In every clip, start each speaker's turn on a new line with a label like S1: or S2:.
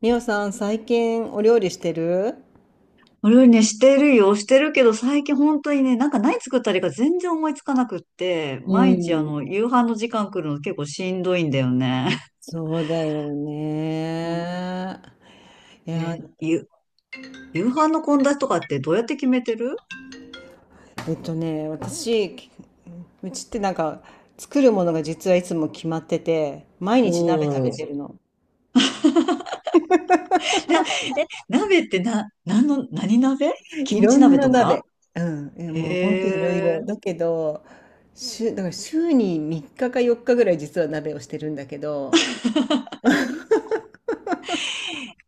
S1: みおさん、最近お料理してる？
S2: 俺ね、してるよ、してるけど、最近本当にね、なんか何作ったらいいか全然思いつかなくって、
S1: う
S2: 毎日
S1: ん。
S2: 夕飯の時間来るの結構しんどいんだよね。
S1: そうだよ
S2: うん。
S1: ね。いや、
S2: え、ゆ、夕飯の献立とかってどうやって決めてる？
S1: 私、うちってなんか、作るものが実はいつも決まってて、毎日鍋
S2: お
S1: 食
S2: お
S1: べて
S2: ー。
S1: るの。
S2: な、鍋ってな、何の、何鍋？キ
S1: い
S2: ム
S1: ろ
S2: チ
S1: ん
S2: 鍋
S1: な
S2: とか？
S1: 鍋。うん。え、もう本当
S2: へ
S1: いろいろ。だ
S2: え。
S1: けど、だから週に3日か4日ぐらい実は鍋をしてるんだけど、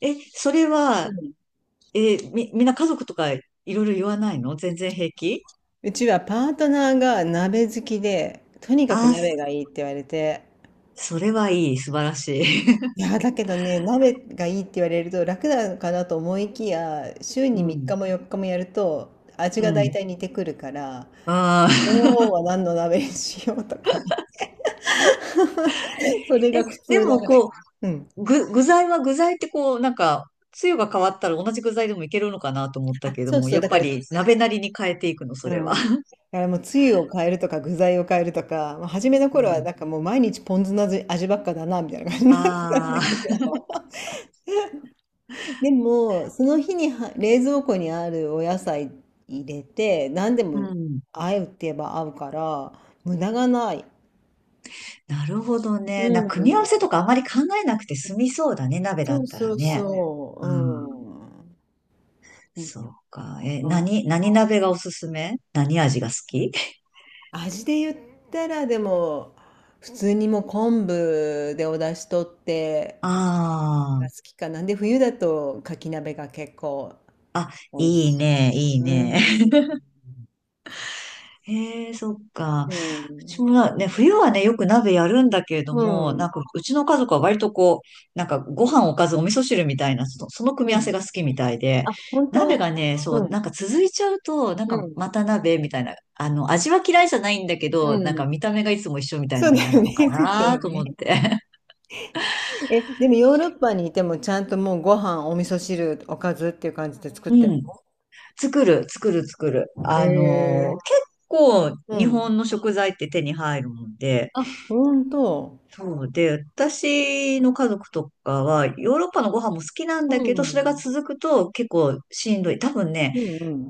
S2: え、それ
S1: う
S2: は、
S1: ん。
S2: え、み、みんな家族とかいろいろ言わないの？全然平気？
S1: うちはパートナーが鍋好きで、とにかく
S2: ああー、
S1: 鍋がいいって言われて、
S2: それはいい、素晴らしい。
S1: いや、だけどね、鍋がいいって言われると楽なのかなと思いきや、週 に
S2: う
S1: 3
S2: ん、
S1: 日も4日もやると味
S2: う
S1: が大
S2: ん。
S1: 体似てくるから、
S2: あ
S1: 今日
S2: あ。
S1: は何の鍋にしようとかね。それ
S2: え、
S1: が苦
S2: で
S1: 痛な
S2: も
S1: ぐらい。うん。
S2: 具材は具材ってこう、なんか、つゆが変わったら同じ具材でもいけるのかなと思った
S1: あ、
S2: けど
S1: そう
S2: も、
S1: そう、
S2: やっ
S1: だか
S2: ぱ
S1: ら、
S2: り鍋なりに変えていくの、そ
S1: う
S2: れは？
S1: ん。だからもうつゆを変えるとか具材を変えるとか、まあ、初めの
S2: う
S1: 頃は
S2: ん。
S1: なんかもう毎日ポン酢の味ばっかだなみたいな感じだったんだ
S2: ああ、
S1: け ど。でも、その日には冷蔵庫にあるお野菜入れて、何で
S2: う
S1: も
S2: ん。
S1: 合うって言えば合うから、無駄がない。
S2: なるほど
S1: う
S2: ね。組み合わせ
S1: ん。
S2: とかあまり考えなくて済みそうだね、鍋だ
S1: そう
S2: った
S1: そ
S2: ら
S1: う
S2: ね。
S1: そ
S2: うん。
S1: う。うん。
S2: そうか。
S1: うん。
S2: 何鍋がおすすめ？何味が好き？
S1: 味で言ったら、でも、普通にもう昆布でお出汁取って
S2: あ
S1: が好
S2: あ、
S1: きかな。で、冬だとかき鍋が結構美味
S2: いい
S1: し
S2: ね、いい
S1: い。うん。
S2: ね。へえ、そっか。
S1: う
S2: うち
S1: ん。
S2: もなね、冬はね、よく鍋やるんだけれど
S1: う
S2: も、な
S1: ん。
S2: んか、うちの家族は割とこう、なんか、ご飯おかずお味噌汁みたいな、その組み
S1: う
S2: 合わ
S1: ん。
S2: せが好きみたいで、
S1: あ、本
S2: 鍋
S1: 当？
S2: がね、そ
S1: う
S2: う、
S1: ん。
S2: なんか続いちゃうと、なん
S1: う
S2: か、
S1: ん。
S2: また鍋みたいな、味は嫌いじゃないんだけ
S1: う
S2: ど、なん
S1: ん。
S2: か見た目がいつも一緒みたいな
S1: そ
S2: の
S1: う
S2: が
S1: だ
S2: 嫌
S1: よ
S2: なのか
S1: ね、そうだ
S2: な
S1: よ
S2: と思っ
S1: ね。
S2: て。
S1: え、でもヨーロッパにいてもちゃんともうご飯、お味噌汁、おかずっていう感じで作っ
S2: う
S1: てる
S2: ん。
S1: の？
S2: 作る、作る、作る。
S1: へえ。
S2: 結構、
S1: う
S2: 日
S1: ん。
S2: 本の食材って手に入るもんで、
S1: あ、ほんと。
S2: そうで、私の家族とかは、ヨーロッパのご飯も好きなん
S1: う
S2: だけど、それが
S1: ん。
S2: 続くと結構しんどい。多分ね、
S1: う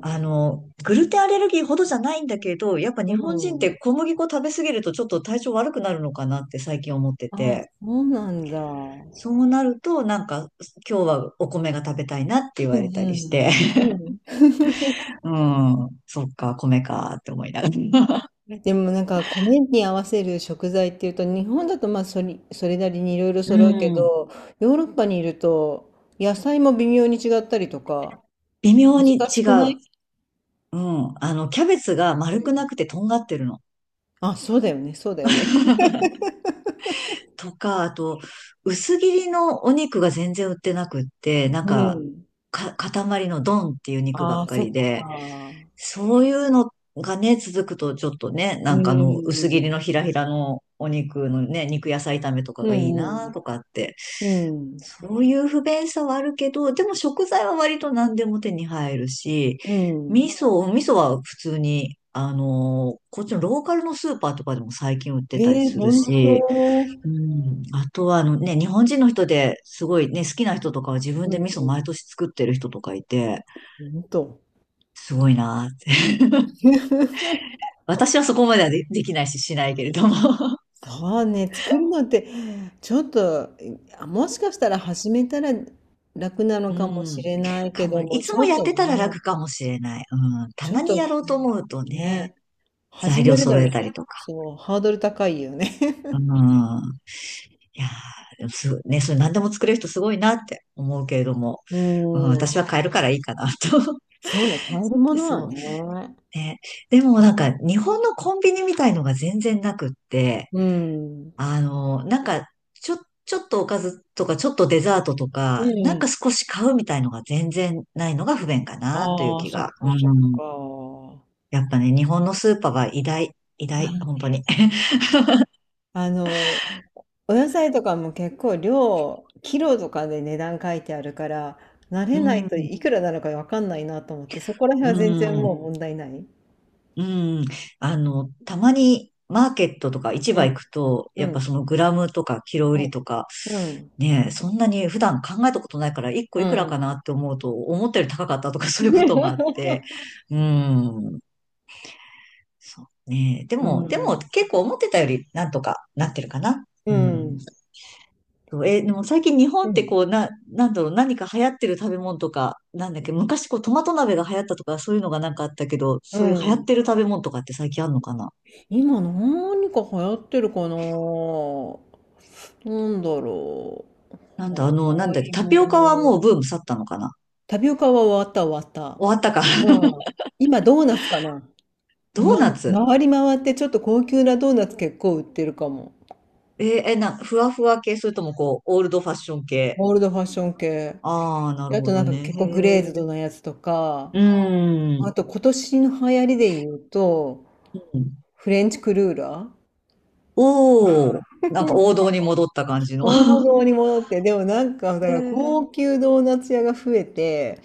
S2: グルテンアレルギーほどじゃないんだけど、やっぱ日
S1: う
S2: 本人っ
S1: ん。う
S2: て
S1: ん。
S2: 小麦粉食べ過ぎるとちょっと体調悪くなるのかなって最近思って
S1: あ、
S2: て、
S1: そうなんだ。うん
S2: そうなると、なんか、今日はお米が食べたいなって言
S1: う
S2: われたりして、
S1: ん。うん。
S2: うん、そっか、米かって思いながら。
S1: でもなんか米に合わせる食材っていうと日本だとまあそれなりにいろいろ揃うけ
S2: うん、
S1: ど、ヨーロッパにいると野菜も微妙に違ったりとか
S2: 微妙に
S1: 難し
S2: 違
S1: くな
S2: う。
S1: い？
S2: うん、キャベツが丸くなくてとんがってるの。
S1: あ、そうだよね、そうだよね。
S2: とか、あと、薄切りのお肉が全然売ってなくって、なん
S1: う
S2: か、
S1: ん。
S2: 塊のドンっていう肉ばっ
S1: ああ、
S2: か
S1: そっ
S2: りで、
S1: か。
S2: そういうのがね、続くとちょっとね、
S1: う
S2: なんか薄切
S1: ん。
S2: りのひらひらのお肉のね、肉野菜炒めとか
S1: う
S2: がいいな
S1: ん。
S2: とかって、
S1: うん。
S2: そういう不便さはあるけど、でも食材は割と何でも手に入るし、
S1: うん。
S2: お味噌は普通に、こっちのローカルのスーパーとかでも最近売って
S1: え
S2: たり
S1: え
S2: する
S1: 本
S2: し、
S1: 当。
S2: うん。あとは、日本人の人ですごいね、好きな人とかは自
S1: う
S2: 分で味噌
S1: ん。
S2: 毎年作ってる人とかいて、
S1: 本当。
S2: すごいなーって。私はそこまではできないし、しないけれども。
S1: そうね、作るのって、ちょっと、あもしかしたら始めたら楽なの
S2: う
S1: かもし
S2: ん。
S1: れないけ
S2: か
S1: ど
S2: も、い
S1: も、ち
S2: つも
S1: ょっ
S2: やっ
S1: と
S2: て
S1: ね、
S2: たら楽かもしれない。うん。た
S1: ちょっ
S2: まに
S1: と、
S2: やろうと思うと
S1: ね、
S2: ね、
S1: 始
S2: 材料
S1: めるの
S2: 揃え
S1: に、
S2: たりとか。
S1: そう、ハードル高いよね。
S2: うん。いやー、でもすごい、ね、それ何でも作れる人すごいなって思うけれども、
S1: う
S2: うん、
S1: ん。
S2: 私は買えるからいいかなと。
S1: そうね、買えるも のは
S2: そう。
S1: ね。
S2: ね。でもなんか日本のコンビニみたいのが全然なくって、
S1: うん。
S2: なんかちょ、ちょっとおかずとかちょっとデザートと
S1: う
S2: か、なんか
S1: ん。
S2: 少し買うみたいのが全然ないのが不便かなという
S1: ああ、
S2: 気
S1: そっ
S2: が。
S1: かそ
S2: うん。
S1: っか。
S2: やっぱね、日本のスーパーは偉大、偉
S1: まあ
S2: 大、本当
S1: ね、
S2: に。
S1: あの、お野菜とかも結構キロとかで値段書いてあるから、慣れ
S2: う
S1: ないと
S2: ん、
S1: いくらなのかわかんないなと思って、そこら
S2: う
S1: 辺は全然
S2: ん、
S1: もう問題ない。
S2: うん。たまにマーケットとか市
S1: う
S2: 場行
S1: ん、
S2: くと、
S1: う
S2: やっぱ
S1: ん、
S2: そのグラムとかキロ売りとか、
S1: うん。うん、
S2: ねえ、そんなに普段考えたことないから、一個
S1: う
S2: いくらか
S1: ん。
S2: なって思うと、思ったより高かったとか そういうこともあっ て、うん。そうねえ。
S1: うう
S2: で
S1: ん。
S2: も結構思ってたよりなんとかなってるかな。
S1: う
S2: うん。
S1: ん、
S2: そうえ、でも最近日本
S1: う
S2: って
S1: ん。
S2: こう、なんだろう、何か流行ってる食べ物とか、なんだっけ、昔こうトマト鍋が流行ったとか、そういうのがなんかあったけど、
S1: う
S2: そういう流行っ
S1: ん。
S2: てる食べ物とかって最近あるのかな？
S1: 今何か流行ってるかな？なんだろう。
S2: なん
S1: 流
S2: だ、なん
S1: 行
S2: だっけ、
S1: り
S2: タ
S1: も
S2: ピオカはもう
S1: の。
S2: ブーム去ったのかな？
S1: タピオカは終わった、終わった。
S2: 終わったか。
S1: うん。今ドーナツかな。
S2: ド
S1: ま、
S2: ーナツ？
S1: 回り回ってちょっと高級なドーナツ結構売ってるかも。
S2: えーえ、な、ふわふわ系、それともこう、オールドファッション系？
S1: オールドファッション系。
S2: ああ、な
S1: で、
S2: る
S1: あ
S2: ほ
S1: とな
S2: ど
S1: んか
S2: ね。
S1: 結
S2: へ
S1: 構グレー
S2: え。
S1: ズドなやつとか、
S2: うーん。
S1: あと今年の流行りで言うと、
S2: うん。
S1: フレンチクルーラー。
S2: おお、なんか王道に戻った感じの。
S1: 大物に戻って、でもなんか、だか
S2: へ
S1: ら高
S2: え。
S1: 級ドーナツ屋が増えて、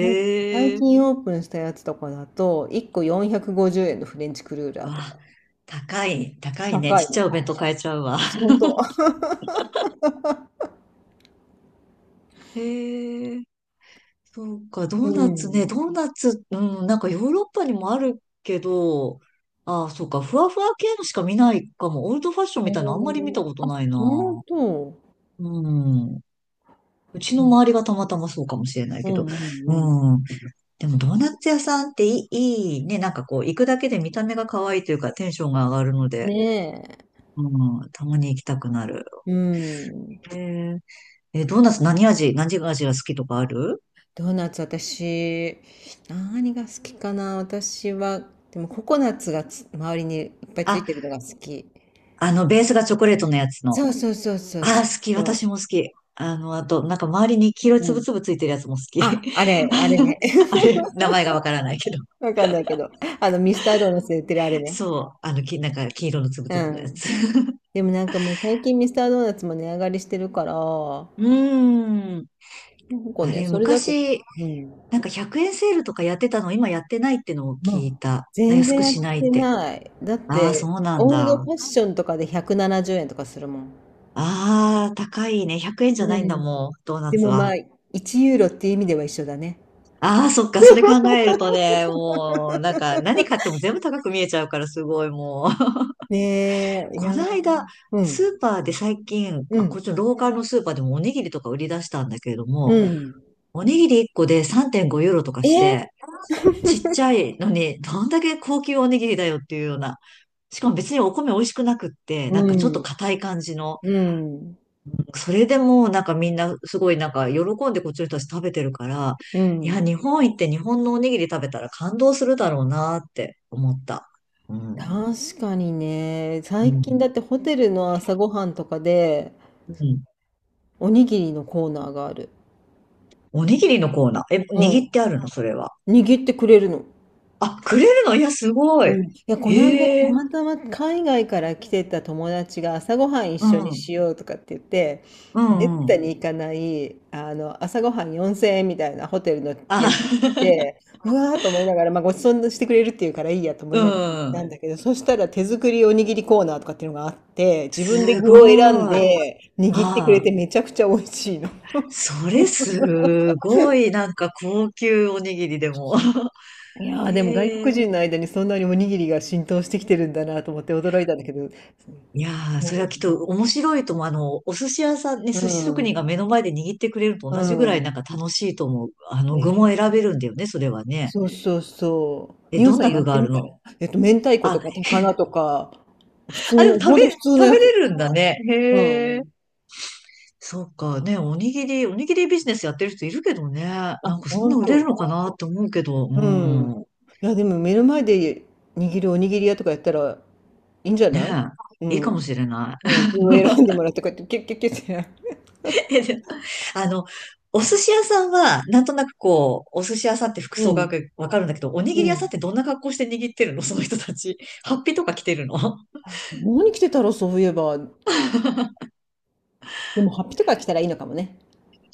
S1: なんか最
S2: え。
S1: 近オープンしたやつとかだと、1個450円のフレンチクルーラ
S2: わ
S1: ーとか。
S2: あ、高い、高いね。
S1: 高い
S2: ちっちゃ
S1: の。
S2: いお弁当買えちゃうわ。
S1: ほんと。
S2: へえ。そうか、ド
S1: う
S2: ーナツね、
S1: ん。
S2: ドーナツ、うん、なんかヨーロッパにもあるけど、ああ、そうか、ふわふわ系のしか見ないかも。オールドファッションみたいなのあんまり見
S1: おー、
S2: たことない
S1: 本
S2: な。
S1: 当？
S2: うん。うちの周りがたまたまそうかもしれない
S1: う
S2: けど。
S1: んうんうん。
S2: うん。でもドーナツ屋さんっていいね。なんかこう、行くだけで見た目が可愛いというか、テンションが上がるので、
S1: ね
S2: うん、たまに行きたくなる。
S1: え。うん。
S2: えー、ドーナツ何味、何味が好きとかある？
S1: ドーナツ私、何が好きかな私は、でもココナッツが周りにいっぱいつい
S2: あ、
S1: てるのが好き。
S2: ベースがチョコレートのやつの。
S1: そうそうそうそう
S2: ああ、
S1: そう
S2: 好き。私
S1: そ
S2: も好き。あと、なんか周りに黄色い
S1: う。
S2: つ
S1: う
S2: ぶ
S1: ん。
S2: つぶついてるやつも好き。
S1: あ、あれ、あれね。
S2: あ れ、名前がわからないけど。
S1: わかんないけど。ミスタードーナツで売ってるあれね。
S2: そう。なんか黄色のつぶ
S1: う
S2: つぶのや
S1: ん。
S2: つ。
S1: でもなんかもう最近ミスタードーナツも値上がりしてるから、な
S2: うーん。
S1: んか
S2: あ
S1: ね、
S2: れ、
S1: それだけ、
S2: 昔、
S1: うん。
S2: なんか100円セールとかやってたの、今やってないってのを
S1: も
S2: 聞い
S1: う、
S2: た。ね、
S1: 全
S2: 安
S1: 然
S2: く
S1: や
S2: しな
S1: っ
S2: いっ
S1: て
S2: て。
S1: ない。だっ
S2: ああ、そ
S1: て、
S2: うなん
S1: オール
S2: だ。
S1: ドファッションとかで170円とかするもん。
S2: ああ、高いね。100円じゃ
S1: う
S2: な
S1: ん。
S2: いんだ、もう、ドーナ
S1: で
S2: ツ
S1: もま
S2: は。
S1: あ、1ユーロっていう意味では一緒だね。
S2: ああ、そっか。それ考えるとね、もう、なんか、何買っても全部高く見えちゃうから、すごい、もう。
S1: ねえ、い
S2: こ
S1: や、
S2: の間、
S1: う
S2: ス
S1: ん、
S2: ーパーで最近、
S1: う
S2: あ、こ
S1: ん、
S2: っちのローカルのスーパーでもおにぎりとか売り出したんだけれど
S1: う
S2: も、
S1: ん。
S2: おにぎり1個で3.5ユーロとかして、
S1: え
S2: ちっちゃいのに、どんだけ高級おにぎりだよっていうような。しかも別にお米美味しくなくって、
S1: う
S2: なんかちょっと
S1: ん、
S2: 硬い感じの。
S1: うん、
S2: それでもなんかみんなすごいなんか喜んでこっちの人たち食べてるから、
S1: う
S2: いや、
S1: ん。
S2: 日本行って日本のおにぎり食べたら感動するだろうなって思った。うん。
S1: 確かにね、
S2: う
S1: 最
S2: ん。
S1: 近だってホテルの朝ごはんとかで、
S2: うん。
S1: おにぎりのコーナーがある。
S2: おにぎりのコーナー。え、
S1: う
S2: 握っ
S1: ん。
S2: てあるの？それは。
S1: 握ってくれるの。
S2: あ、くれるの？いや、すご
S1: う
S2: い。
S1: ん、いや、この間、
S2: へ
S1: た
S2: え、
S1: またま海外から来てた友達が朝ごはん一
S2: う
S1: 緒にし
S2: ん、
S1: ようとかって言って、
S2: う
S1: め
S2: ん、
S1: っ
S2: う
S1: た
S2: ん。
S1: に行かない、あの、朝ごはん4000円みたいなホテルのや
S2: あ、
S1: つ行っ て、うわーと思いながら、まあ、ごちそうしてくれるっていうからいいやと思
S2: う
S1: いながら行ったん
S2: ん。
S1: だけど、そしたら手作りおにぎりコーナーとかっていうのがあって、自分で
S2: す
S1: 具を選ん
S2: ごい。あ
S1: で握ってくれ
S2: あ、
S1: てめちゃくちゃ美味しいの。
S2: それすごい、なんか高級おにぎりでも。
S1: いやーでも外
S2: へ
S1: 国
S2: え。
S1: 人の間にそんなにおにぎりが浸透してきてるんだなと思って驚いたんだけど、
S2: いやー、
S1: そ
S2: そ
S1: う
S2: れ
S1: なん
S2: はきっ
S1: だ
S2: と
S1: ね。
S2: 面白いと思う。お寿司屋さんに
S1: う
S2: 寿司職人が
S1: ん。
S2: 目の前で握ってくれると
S1: う
S2: 同じぐらいなん
S1: ん。
S2: か楽しいと思う。具も
S1: ね。
S2: 選べるんだよね、それはね。
S1: そうそうそう。
S2: え、
S1: みお
S2: どん
S1: さん
S2: な
S1: やっ
S2: 具が
S1: て
S2: あ
S1: み
S2: る
S1: たら、
S2: の？
S1: 明太子と
S2: あ、
S1: か高菜とか、普通
S2: あ、でも
S1: の、ほんと普通の
S2: 食
S1: や
S2: べ
S1: つ。
S2: れるんだね。
S1: う
S2: へ
S1: んう
S2: え。
S1: ん。
S2: そうかね、おにぎりビジネスやってる人いるけどね。
S1: あ、
S2: なんかそん
S1: ほ
S2: な
S1: ん
S2: 売れる
S1: と。
S2: のかなって思うけど、う
S1: うん。
S2: ん。
S1: いや、でも目の前で握るおにぎり屋とかやったらいいんじゃない？
S2: ね
S1: う
S2: え、いい
S1: ん。
S2: かもしれない。
S1: うん。これを 選んでもらってこうやってキュッキュッキュッって。
S2: えでもあの、お寿司屋さんは、なんとなくこう、お寿司屋さんって服
S1: う
S2: 装が
S1: ん。
S2: わかるんだけど、おにぎり屋
S1: う
S2: さんっ
S1: ん。
S2: てどんな格好して握ってるの？ その人たち。ハッピーとか着てるの？
S1: 何着てたろう、そういえば。でも、ハッピとか着たらいいのかもね。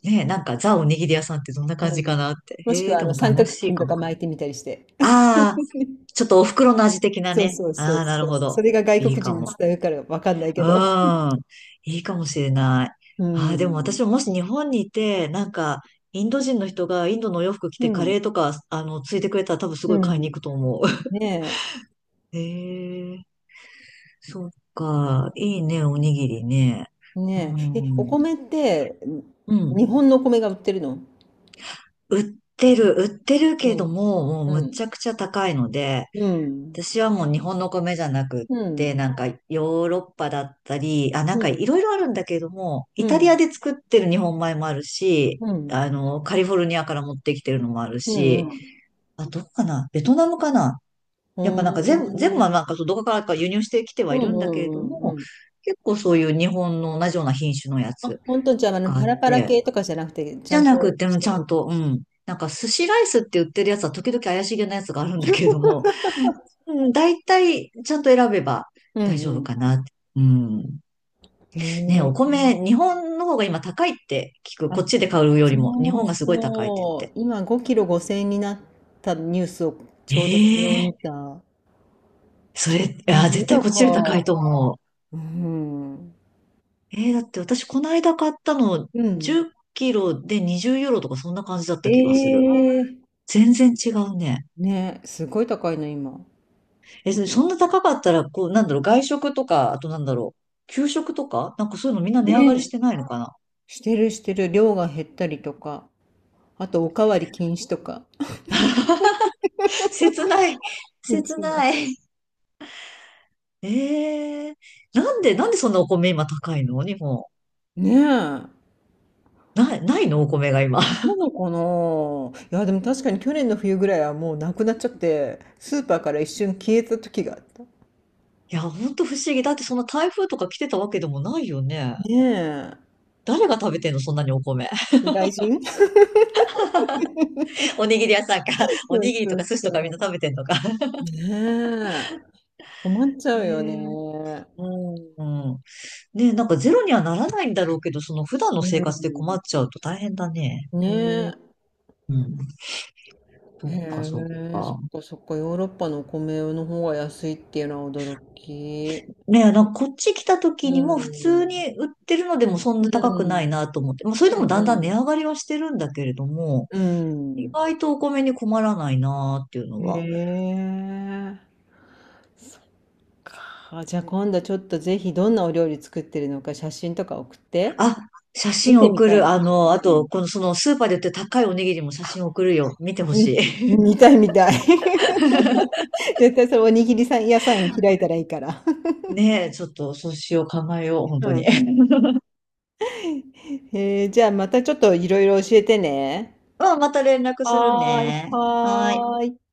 S2: ねえ、なんかザおにぎり屋さんってどんな
S1: う
S2: 感じ
S1: ん。
S2: かなって。
S1: もしく
S2: へえ、
S1: は、あ
S2: で
S1: の、
S2: も
S1: 三
S2: 楽
S1: 角
S2: しい
S1: 巾
S2: か
S1: と
S2: も。
S1: か巻いてみたりして。
S2: ああ、ちょっとお袋の味的な
S1: そう
S2: ね。
S1: そうそ
S2: あ
S1: う
S2: あ、
S1: そ
S2: なるほ
S1: う。
S2: ど。
S1: それが外
S2: いい
S1: 国
S2: か
S1: 人に
S2: も。
S1: 伝わるからわかんない
S2: う
S1: けど。
S2: ん。いいかもしれない。
S1: う
S2: ああ、でも私
S1: ん。
S2: ももし日本にいて、なんか、インド人の人がインドのお洋服着
S1: う
S2: てカ
S1: ん。
S2: レーとか、ついてくれたら多分す
S1: う
S2: ごい買いに
S1: ん。
S2: 行くと思う。
S1: ね
S2: へえ、そっか。いいね、おにぎりね。
S1: え。
S2: う
S1: ねえ。え、お
S2: ん。
S1: 米って、
S2: うん。
S1: 日本のお米が売ってるの？
S2: 売ってる、売ってるけ
S1: う
S2: ど
S1: ん。
S2: も、もうむっ
S1: うん。
S2: ちゃくちゃ高いので、
S1: うん。
S2: 私はもう日本の米じゃなくっ
S1: う
S2: て、
S1: ん。
S2: なんかヨーロッパだったり、あ、なん
S1: う
S2: か
S1: ん。
S2: いろいろあるんだけれども、イ
S1: う
S2: タリア
S1: ん。
S2: で作ってる日本米もあるし、
S1: うん。
S2: カリフォルニアから持ってきてるのもある
S1: う
S2: し、
S1: ん。うん。
S2: あ、どこかなベトナムかな。
S1: お
S2: やっぱなんか全部は
S1: ー
S2: なんかそうどこからか輸入してきては
S1: う
S2: い
S1: ん
S2: るん
S1: う
S2: だけれど
S1: んう
S2: も、
S1: んうん。
S2: 結構そういう日本の同じような品種のや
S1: あ、
S2: つ
S1: 本当？じゃあ、あの、
S2: があ
S1: パ
S2: っ
S1: ラパラ
S2: て、
S1: 系とかじゃなくて、ち
S2: じ
S1: ゃ
S2: ゃ
S1: ん
S2: なくっ
S1: と
S2: て
S1: し
S2: も
S1: て
S2: ちゃ
S1: るん
S2: ん
S1: だ。
S2: と、うん。なんか寿司ライスって売ってるやつは時々怪しげなやつがあるんだけれども、うん、大体ちゃんと選べば
S1: う
S2: 大
S1: ん
S2: 丈夫
S1: う
S2: かなって。うん。
S1: ん。
S2: ね、
S1: へ
S2: お
S1: え。
S2: 米、日本の方が今高いって聞く。こっ
S1: あ
S2: ちで買うよ
S1: そ
S2: りも、日
S1: う
S2: 本がすごい高いって
S1: そ
S2: 言
S1: う。
S2: って。
S1: 今5キロ5千円になったニュースをちょうど昨日
S2: ええ、
S1: 見た。
S2: そ
S1: す
S2: れ、
S1: ご
S2: あ、絶
S1: い
S2: 対こっちより高い
S1: 高
S2: と思う。
S1: い。うん。
S2: ええ、だって私この間買ったの
S1: うん。
S2: 10キロで20ユーロとかそんな感じだっ
S1: え
S2: た気がする。
S1: え。
S2: 全然違うね。
S1: ね、すごい高いの今。
S2: え、そそんな高かったら、こう、なんだろう、外食とか、あとなんだろう、給食とかなんかそういうのみんな値上がりし
S1: ね、
S2: てないのかな。
S1: してるしてる。量が減ったりとか。あと、おかわり禁止とか。
S2: 切ない。
S1: う
S2: 切
S1: ちは。
S2: ない。ええ、なんでそんなお米今高いの日本？
S1: ねえ。
S2: ない、ないのお米が今。
S1: な のかな。いや、でも確かに去年の冬ぐらいはもうなくなっちゃって、スーパーから一瞬消えた時があった。
S2: いや、ほんと不思議。だってそんな台風とか来てたわけでもないよね。
S1: ね
S2: 誰が食べてんのそんなにお米？
S1: え。外人。
S2: おにぎり屋さんか。お
S1: そ
S2: に
S1: う
S2: ぎり
S1: そ
S2: とか
S1: う
S2: 寿司とかみん
S1: そ
S2: な食べてんのか。
S1: う。ねえ。困っちゃ
S2: え
S1: うよ
S2: え、
S1: ね。
S2: うんうん。ねえ、なんかゼロにはならないんだろうけど、その普段の生活で困
S1: う
S2: っちゃうと大変だね。
S1: ん。ね
S2: ええ、
S1: え。
S2: うん。そっか、そっ
S1: へえ、そっ
S2: か。
S1: かそっか、ヨーロッパのお米の方が安いっていうのは驚き。
S2: ねえ、なんかこっち来た
S1: う
S2: 時にも普通
S1: ん。
S2: に売ってるのでもそん
S1: う
S2: な高くない
S1: ん。
S2: なと思って、まあ、それでもだん
S1: う
S2: だん値
S1: ん
S2: 上がりはしてるんだけれども、意
S1: う
S2: 外とお米に困らないなっていうの
S1: ん。
S2: は。
S1: へえ。そっか。じゃあ今度ちょっとぜひどんなお料理作ってるのか写真とか送って。
S2: あ、写
S1: 見
S2: 真
S1: てみ
S2: 送
S1: たい
S2: る。
S1: な。
S2: あと、そのスーパーで売ってる高いおにぎりも写真送るよ。見てほ
S1: う
S2: し
S1: ん、
S2: い。
S1: 見たい見たい。絶対それおにぎりさん屋さん開いたらいいから。
S2: ねえ、ちょっとそうしよう、考えよう、本
S1: う
S2: 当に。
S1: ん。へえ、じゃあまたちょっといろいろ教えてね。
S2: まあ、また連絡する
S1: はーい、
S2: ね。はーい。
S1: はーい。